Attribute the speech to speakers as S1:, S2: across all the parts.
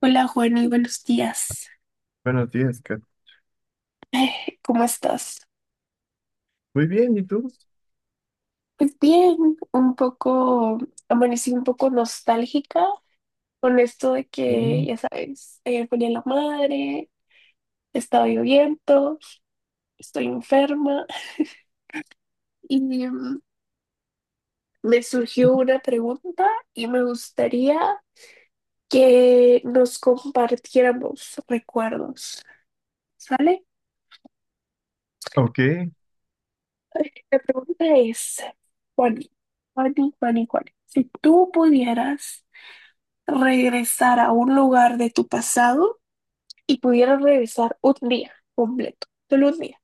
S1: Hola Juani, buenos días.
S2: Buenos días, Kat.
S1: ¿Cómo estás?
S2: Muy bien, ¿y tú?
S1: Pues bien, un poco, amanecí un poco nostálgica con esto de que,
S2: Bien.
S1: ya sabes, ayer ponía la madre, estaba lloviendo, estoy enferma y mm, me surgió una pregunta y me gustaría que nos compartiéramos recuerdos, ¿sale?
S2: Ok.
S1: La pregunta es, Juani, Juani, si tú pudieras regresar a un lugar de tu pasado y pudieras regresar un día completo, solo un día,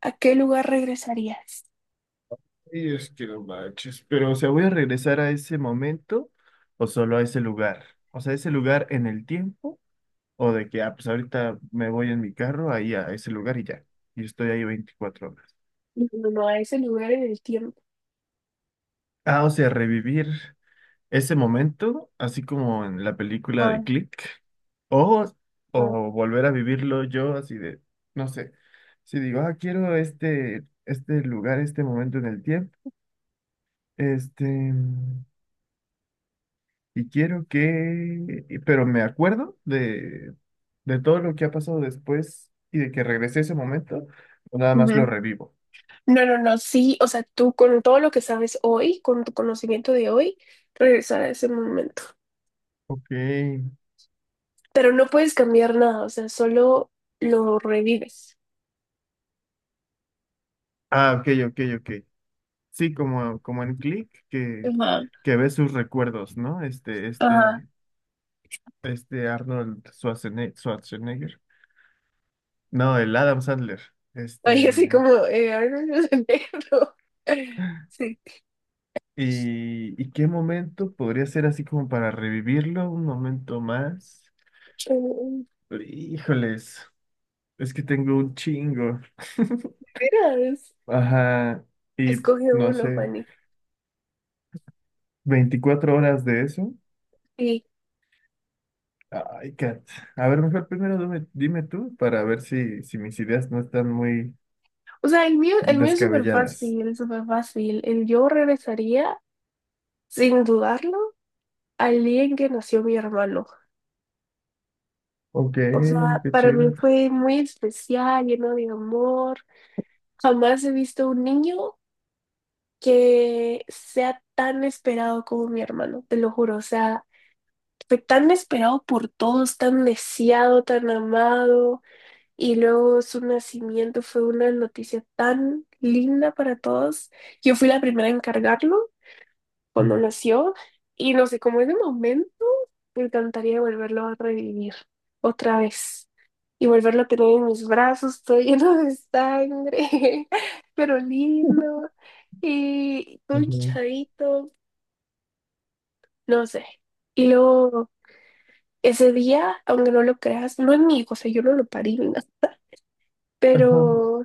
S1: ¿a qué lugar regresarías?
S2: Y es que no manches. Pero, o sea, ¿voy a regresar a ese momento o solo a ese lugar? O sea, ¿ese lugar en el tiempo? ¿O de que, ah, pues ahorita me voy en mi carro ahí a ese lugar y ya? Y estoy ahí 24 horas.
S1: No, no, no, a ese lugar en el tiempo.
S2: Ah, o sea, revivir ese momento, así como en la película de
S1: Ajá,
S2: Click. O,
S1: ajá.
S2: o volver a vivirlo yo así de, no sé. Si digo, ah, quiero este, este lugar, este momento en el tiempo. Este, y quiero que, pero me acuerdo de todo lo que ha pasado después y de que regresé a ese momento, o nada más lo
S1: Ujú.
S2: revivo.
S1: No, no, no, sí, o sea, tú con todo lo que sabes hoy, con tu conocimiento de hoy, regresar a ese momento.
S2: Ok.
S1: Pero no puedes cambiar nada, o sea, solo lo revives.
S2: Ah, ok, ok, ok. Sí, como en Click, que,
S1: Ajá,
S2: que ves sus recuerdos, ¿no? Este,
S1: ajá.
S2: este, este Arnold Schwarzenegger. No, el Adam Sandler.
S1: Ay, así
S2: Este.
S1: como, a ver, negro. Sí.
S2: ¿Y qué momento podría ser así como para revivirlo? Un momento más.
S1: Mm,
S2: Híjoles, es que tengo un chingo.
S1: Mira,
S2: Ajá, y
S1: escoge
S2: no
S1: uno,
S2: sé,
S1: Juani.
S2: 24 horas de eso.
S1: Sí.
S2: Ay, Kat. A ver, mejor primero dime tú para ver si mis ideas no están muy
S1: O sea, el mío es súper
S2: descabelladas.
S1: fácil, súper fácil. El yo regresaría, sin dudarlo, al día en que nació mi hermano.
S2: Ok, qué
S1: Para mí
S2: chido.
S1: fue muy especial, lleno de amor. Jamás he visto un niño que sea tan esperado como mi hermano, te lo juro. O sea, fue tan esperado por todos, tan deseado, tan amado, y luego su nacimiento fue una noticia tan linda para todos. Yo fui la primera en cargarlo cuando
S2: Mm.
S1: nació, y no sé, como ese momento, me encantaría volverlo a revivir otra vez. Y volverlo a tener en mis brazos, todo lleno de sangre, pero lindo, y todo
S2: Ujú.
S1: hinchadito, no sé. Y luego ese día, aunque no lo creas, no es mi hijo, o sea, yo no lo parí ni nada,
S2: Ajá.
S1: pero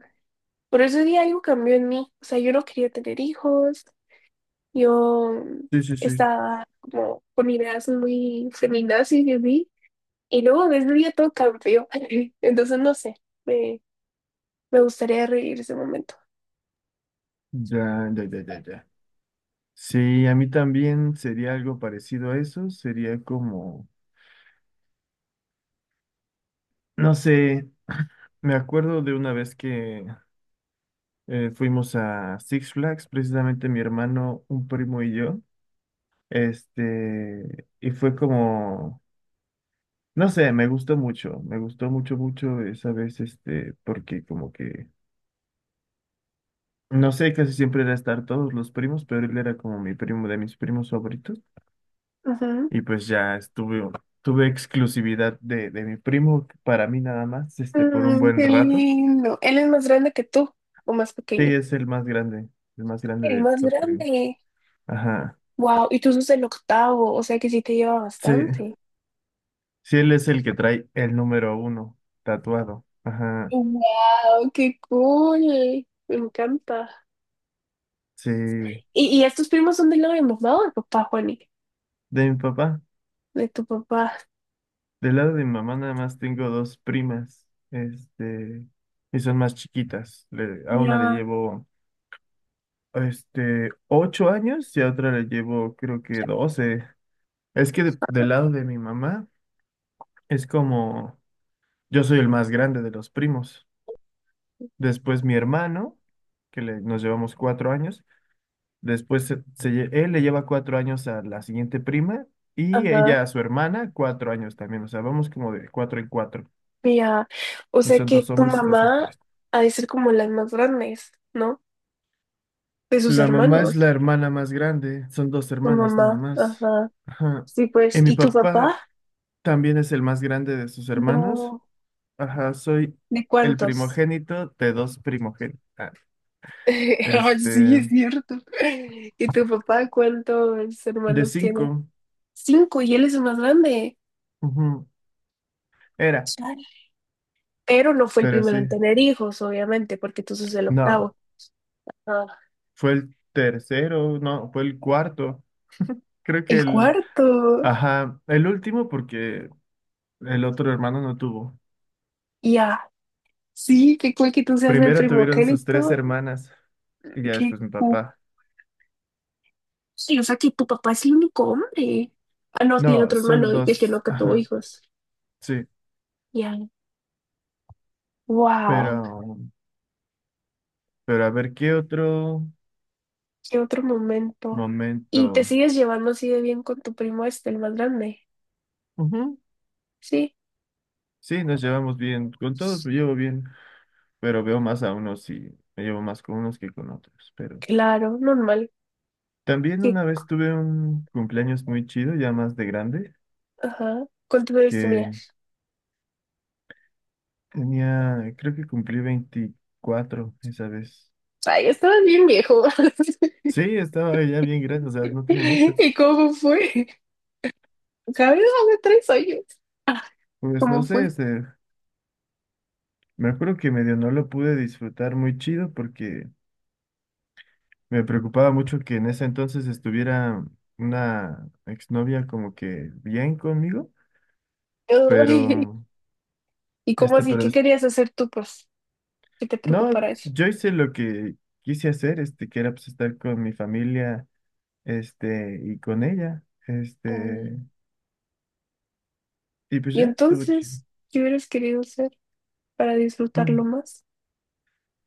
S1: por ese día algo cambió en mí, o sea, yo no quería tener hijos, yo
S2: Sí, sí, sí.
S1: estaba como con ideas muy feminazis de mí, y luego desde ese día todo cambió, entonces no sé, me, me gustaría revivir ese momento.
S2: Ya, ya, ya, ya, ya. Sí, a mí también sería algo parecido a eso. Sería como, no sé, me acuerdo de una vez que fuimos a Six Flags, precisamente mi hermano, un primo y yo. Este, y fue como, no sé, me gustó mucho, mucho esa vez, este, porque como que, no sé, casi siempre era estar todos los primos, pero él era como mi primo de mis primos favoritos.
S1: Ujú.
S2: Y pues ya tuve exclusividad de mi primo para mí nada más, este, por un
S1: Mm,
S2: buen
S1: qué
S2: rato.
S1: lindo. ¿Él es más grande que tú o más
S2: Sí,
S1: pequeño?
S2: es el más grande
S1: El
S2: de
S1: más
S2: los primos.
S1: grande.
S2: Ajá.
S1: Wow, y tú sos el octavo, o sea que sí te lleva
S2: Sí.
S1: bastante.
S2: Sí, él es el que trae el número uno tatuado. Ajá.
S1: Wow, qué cool. Me encanta.
S2: Sí.
S1: ¿Y estos primos son del lado de mamá o de papá, Juani?
S2: De mi papá.
S1: De tu papá.
S2: Del lado de mi mamá nada más tengo dos primas. Este. Y son más chiquitas. A una le
S1: Ya.
S2: llevo este 8 años y a otra le llevo creo que 12. Es que del lado de mi mamá es como yo soy el más grande de los primos. Después mi hermano, que nos llevamos 4 años. Después él le lleva 4 años a la siguiente prima y
S1: Ajá.
S2: ella a su hermana 4 años también. O sea, vamos como de cuatro en cuatro.
S1: Ya. O
S2: Y
S1: sea
S2: son dos
S1: que tu
S2: hombres y dos
S1: mamá
S2: mujeres.
S1: ha de ser como las más grandes, ¿no? De sus
S2: La mamá es la
S1: hermanos.
S2: hermana más grande. Son dos
S1: Tu
S2: hermanas nada
S1: mamá.
S2: más.
S1: Ajá.
S2: Ajá.
S1: Sí, pues.
S2: Y mi
S1: ¿Y tu
S2: papá
S1: papá?
S2: también es el más grande de sus hermanos.
S1: No.
S2: Ajá, soy
S1: ¿De
S2: el
S1: cuántos?
S2: primogénito de dos primogénitos. Ah,
S1: Ah, sí,
S2: este,
S1: es cierto. ¿Y tu papá cuántos
S2: de
S1: hermanos tiene?
S2: cinco.
S1: Cinco, y él es el más grande.
S2: Ujú. Era,
S1: Pero no fue el
S2: pero
S1: primero
S2: sí.
S1: en tener hijos, obviamente, porque tú sos el
S2: No.
S1: octavo. Ah,
S2: Fue el tercero, no, fue el cuarto. Creo que
S1: el
S2: el,
S1: cuarto.
S2: ajá, el último porque el otro hermano no tuvo.
S1: Ya, sí, qué cool que tú seas el
S2: Primero tuvieron sus tres
S1: primogénito.
S2: hermanas y ya después
S1: Qué
S2: mi
S1: cool.
S2: papá.
S1: Sí, o sea que tu papá es el único hombre. Ah, no, tiene
S2: No,
S1: otro
S2: son
S1: hermano, el que no
S2: dos,
S1: que tuvo
S2: ajá,
S1: hijos.
S2: sí,
S1: Ya, wow,
S2: pero, pero a ver qué otro
S1: qué otro momento.
S2: momento.
S1: ¿Y te sigues llevando así de bien con tu primo este, el más grande?
S2: Ujú.
S1: Sí,
S2: Sí, nos llevamos bien, con todos me llevo bien, pero veo más a unos y me llevo más con unos que con otros. Pero
S1: claro, normal.
S2: también
S1: Sí,
S2: una vez tuve un cumpleaños muy chido, ya más de grande,
S1: ajá. ¿Cuántos años
S2: que
S1: tenías?
S2: tenía, creo que cumplí 24 esa vez.
S1: Ay, estabas bien viejo.
S2: Sí, estaba ya bien grande, o sea, no tiene mucho.
S1: ¿Y cómo fue? ¿Sabes dónde tres años? Ah,
S2: Pues no
S1: ¿cómo
S2: sé,
S1: fue?
S2: este, me acuerdo que medio no lo pude disfrutar muy chido porque me preocupaba mucho que en ese entonces estuviera una exnovia como que bien conmigo,
S1: Ay,
S2: pero,
S1: ¿Y cómo
S2: este,
S1: así? ¿Qué querías hacer tú, pues? ¿Qué te
S2: no,
S1: preocupara eso?
S2: yo hice lo que quise hacer, este, que era pues estar con mi familia, este, y con ella, este,
S1: Mm,
S2: y pues
S1: Y
S2: ya estuvo chido.
S1: entonces, ¿qué hubieras querido hacer para disfrutarlo
S2: Mm.
S1: más?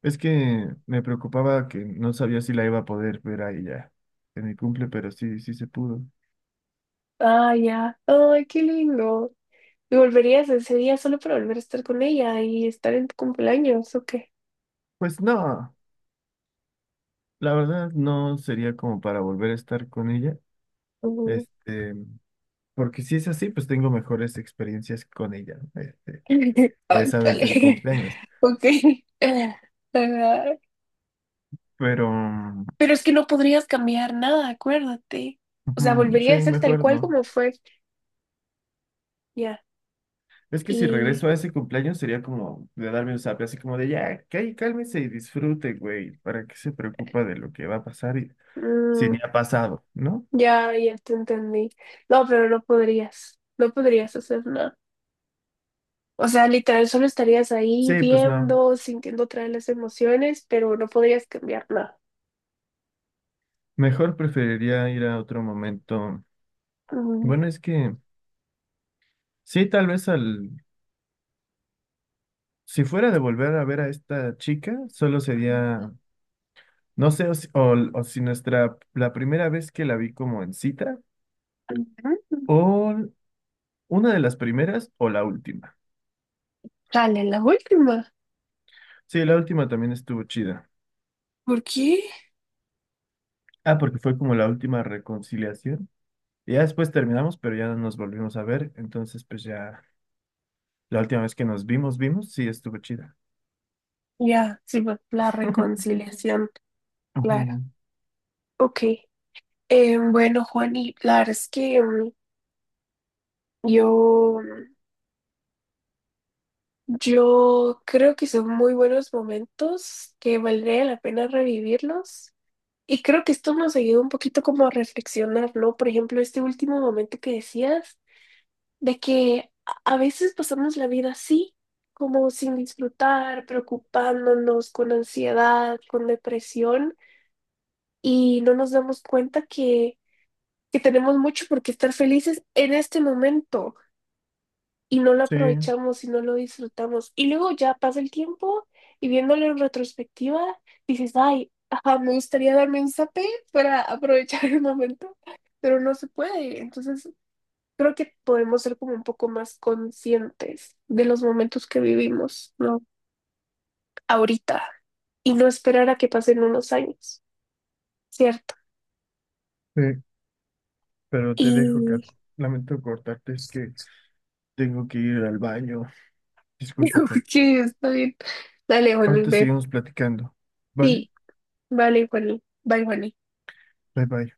S2: Es que me preocupaba que no sabía si la iba a poder ver a ella en mi cumple, pero sí, sí se pudo.
S1: Ah, ya. Ay, qué lindo. ¿Y volverías ese día solo para volver a estar con ella y estar en tu cumpleaños o qué?
S2: Pues no, la verdad no sería como para volver a estar con ella.
S1: Mm.
S2: Este, porque si es así, pues tengo mejores experiencias con ella, ¿no? Este,
S1: Ay,
S2: esa vez
S1: dale.
S2: del cumpleaños.
S1: Ok. Ah,
S2: Pero mm,
S1: pero es que no podrías cambiar nada, acuérdate. O sea,
S2: ujú, sí,
S1: volvería a ser tal
S2: mejor
S1: cual
S2: no.
S1: como fue. Ya.
S2: Es que si
S1: Y
S2: regreso a ese cumpleaños sería como de darme un zape, así como de ya, cálmese y disfrute, güey. ¿Para qué se preocupa de lo que va a pasar y si ni
S1: mm,
S2: ha pasado?, ¿no?
S1: ya, ya te entendí. No, pero no podrías. No podrías hacer nada. O sea, literal, solo estarías ahí
S2: Sí, pues no.
S1: viendo, sintiendo otra vez las emociones, pero no podrías cambiar nada.
S2: Mejor preferiría ir a otro momento.
S1: Mm,
S2: Bueno, es que sí, tal vez al... Si fuera de volver a ver a esta chica, solo sería, no sé, o si nuestra, la primera vez que la vi como en cita,
S1: mm,
S2: o una de las primeras, o la última.
S1: dale, la última.
S2: Sí, la última también estuvo chida.
S1: ¿Por qué?
S2: Ah, porque fue como la última reconciliación. Y ya después terminamos, pero ya no nos volvimos a ver. Entonces, pues ya, la última vez que nos vimos, sí, estuvo chida.
S1: Ya, sí, va, la reconciliación, claro.
S2: Ujú.
S1: Ok. Bueno, Juani, la verdad es que Yo, yo creo que son muy buenos momentos que valdría la pena revivirlos. Y creo que esto nos ayuda un poquito como a reflexionar, ¿no? Por ejemplo, este último momento que decías, de que a veces pasamos la vida así, como sin disfrutar, preocupándonos, con ansiedad, con depresión, y no nos damos cuenta que tenemos mucho por qué estar felices en este momento. Y no lo
S2: Sí.
S1: aprovechamos y no lo disfrutamos. Y luego ya pasa el tiempo y viéndolo en retrospectiva, dices, ay, ajá, me gustaría darme un zape para aprovechar el momento, pero no se puede. Entonces, creo que podemos ser como un poco más conscientes de los momentos que vivimos, ¿no? Ahorita y no esperar a que pasen unos años, ¿cierto?
S2: Sí, pero te dejo,
S1: Y
S2: Kat. Lamento cortarte, es que tengo que ir al baño. Disculpa, Kat.
S1: sí, está bien. Dale, Juaní,
S2: Ahorita
S1: ve.
S2: seguimos platicando, ¿vale?
S1: Sí, vale, Juaní. Bye, Juaní.
S2: Bye bye.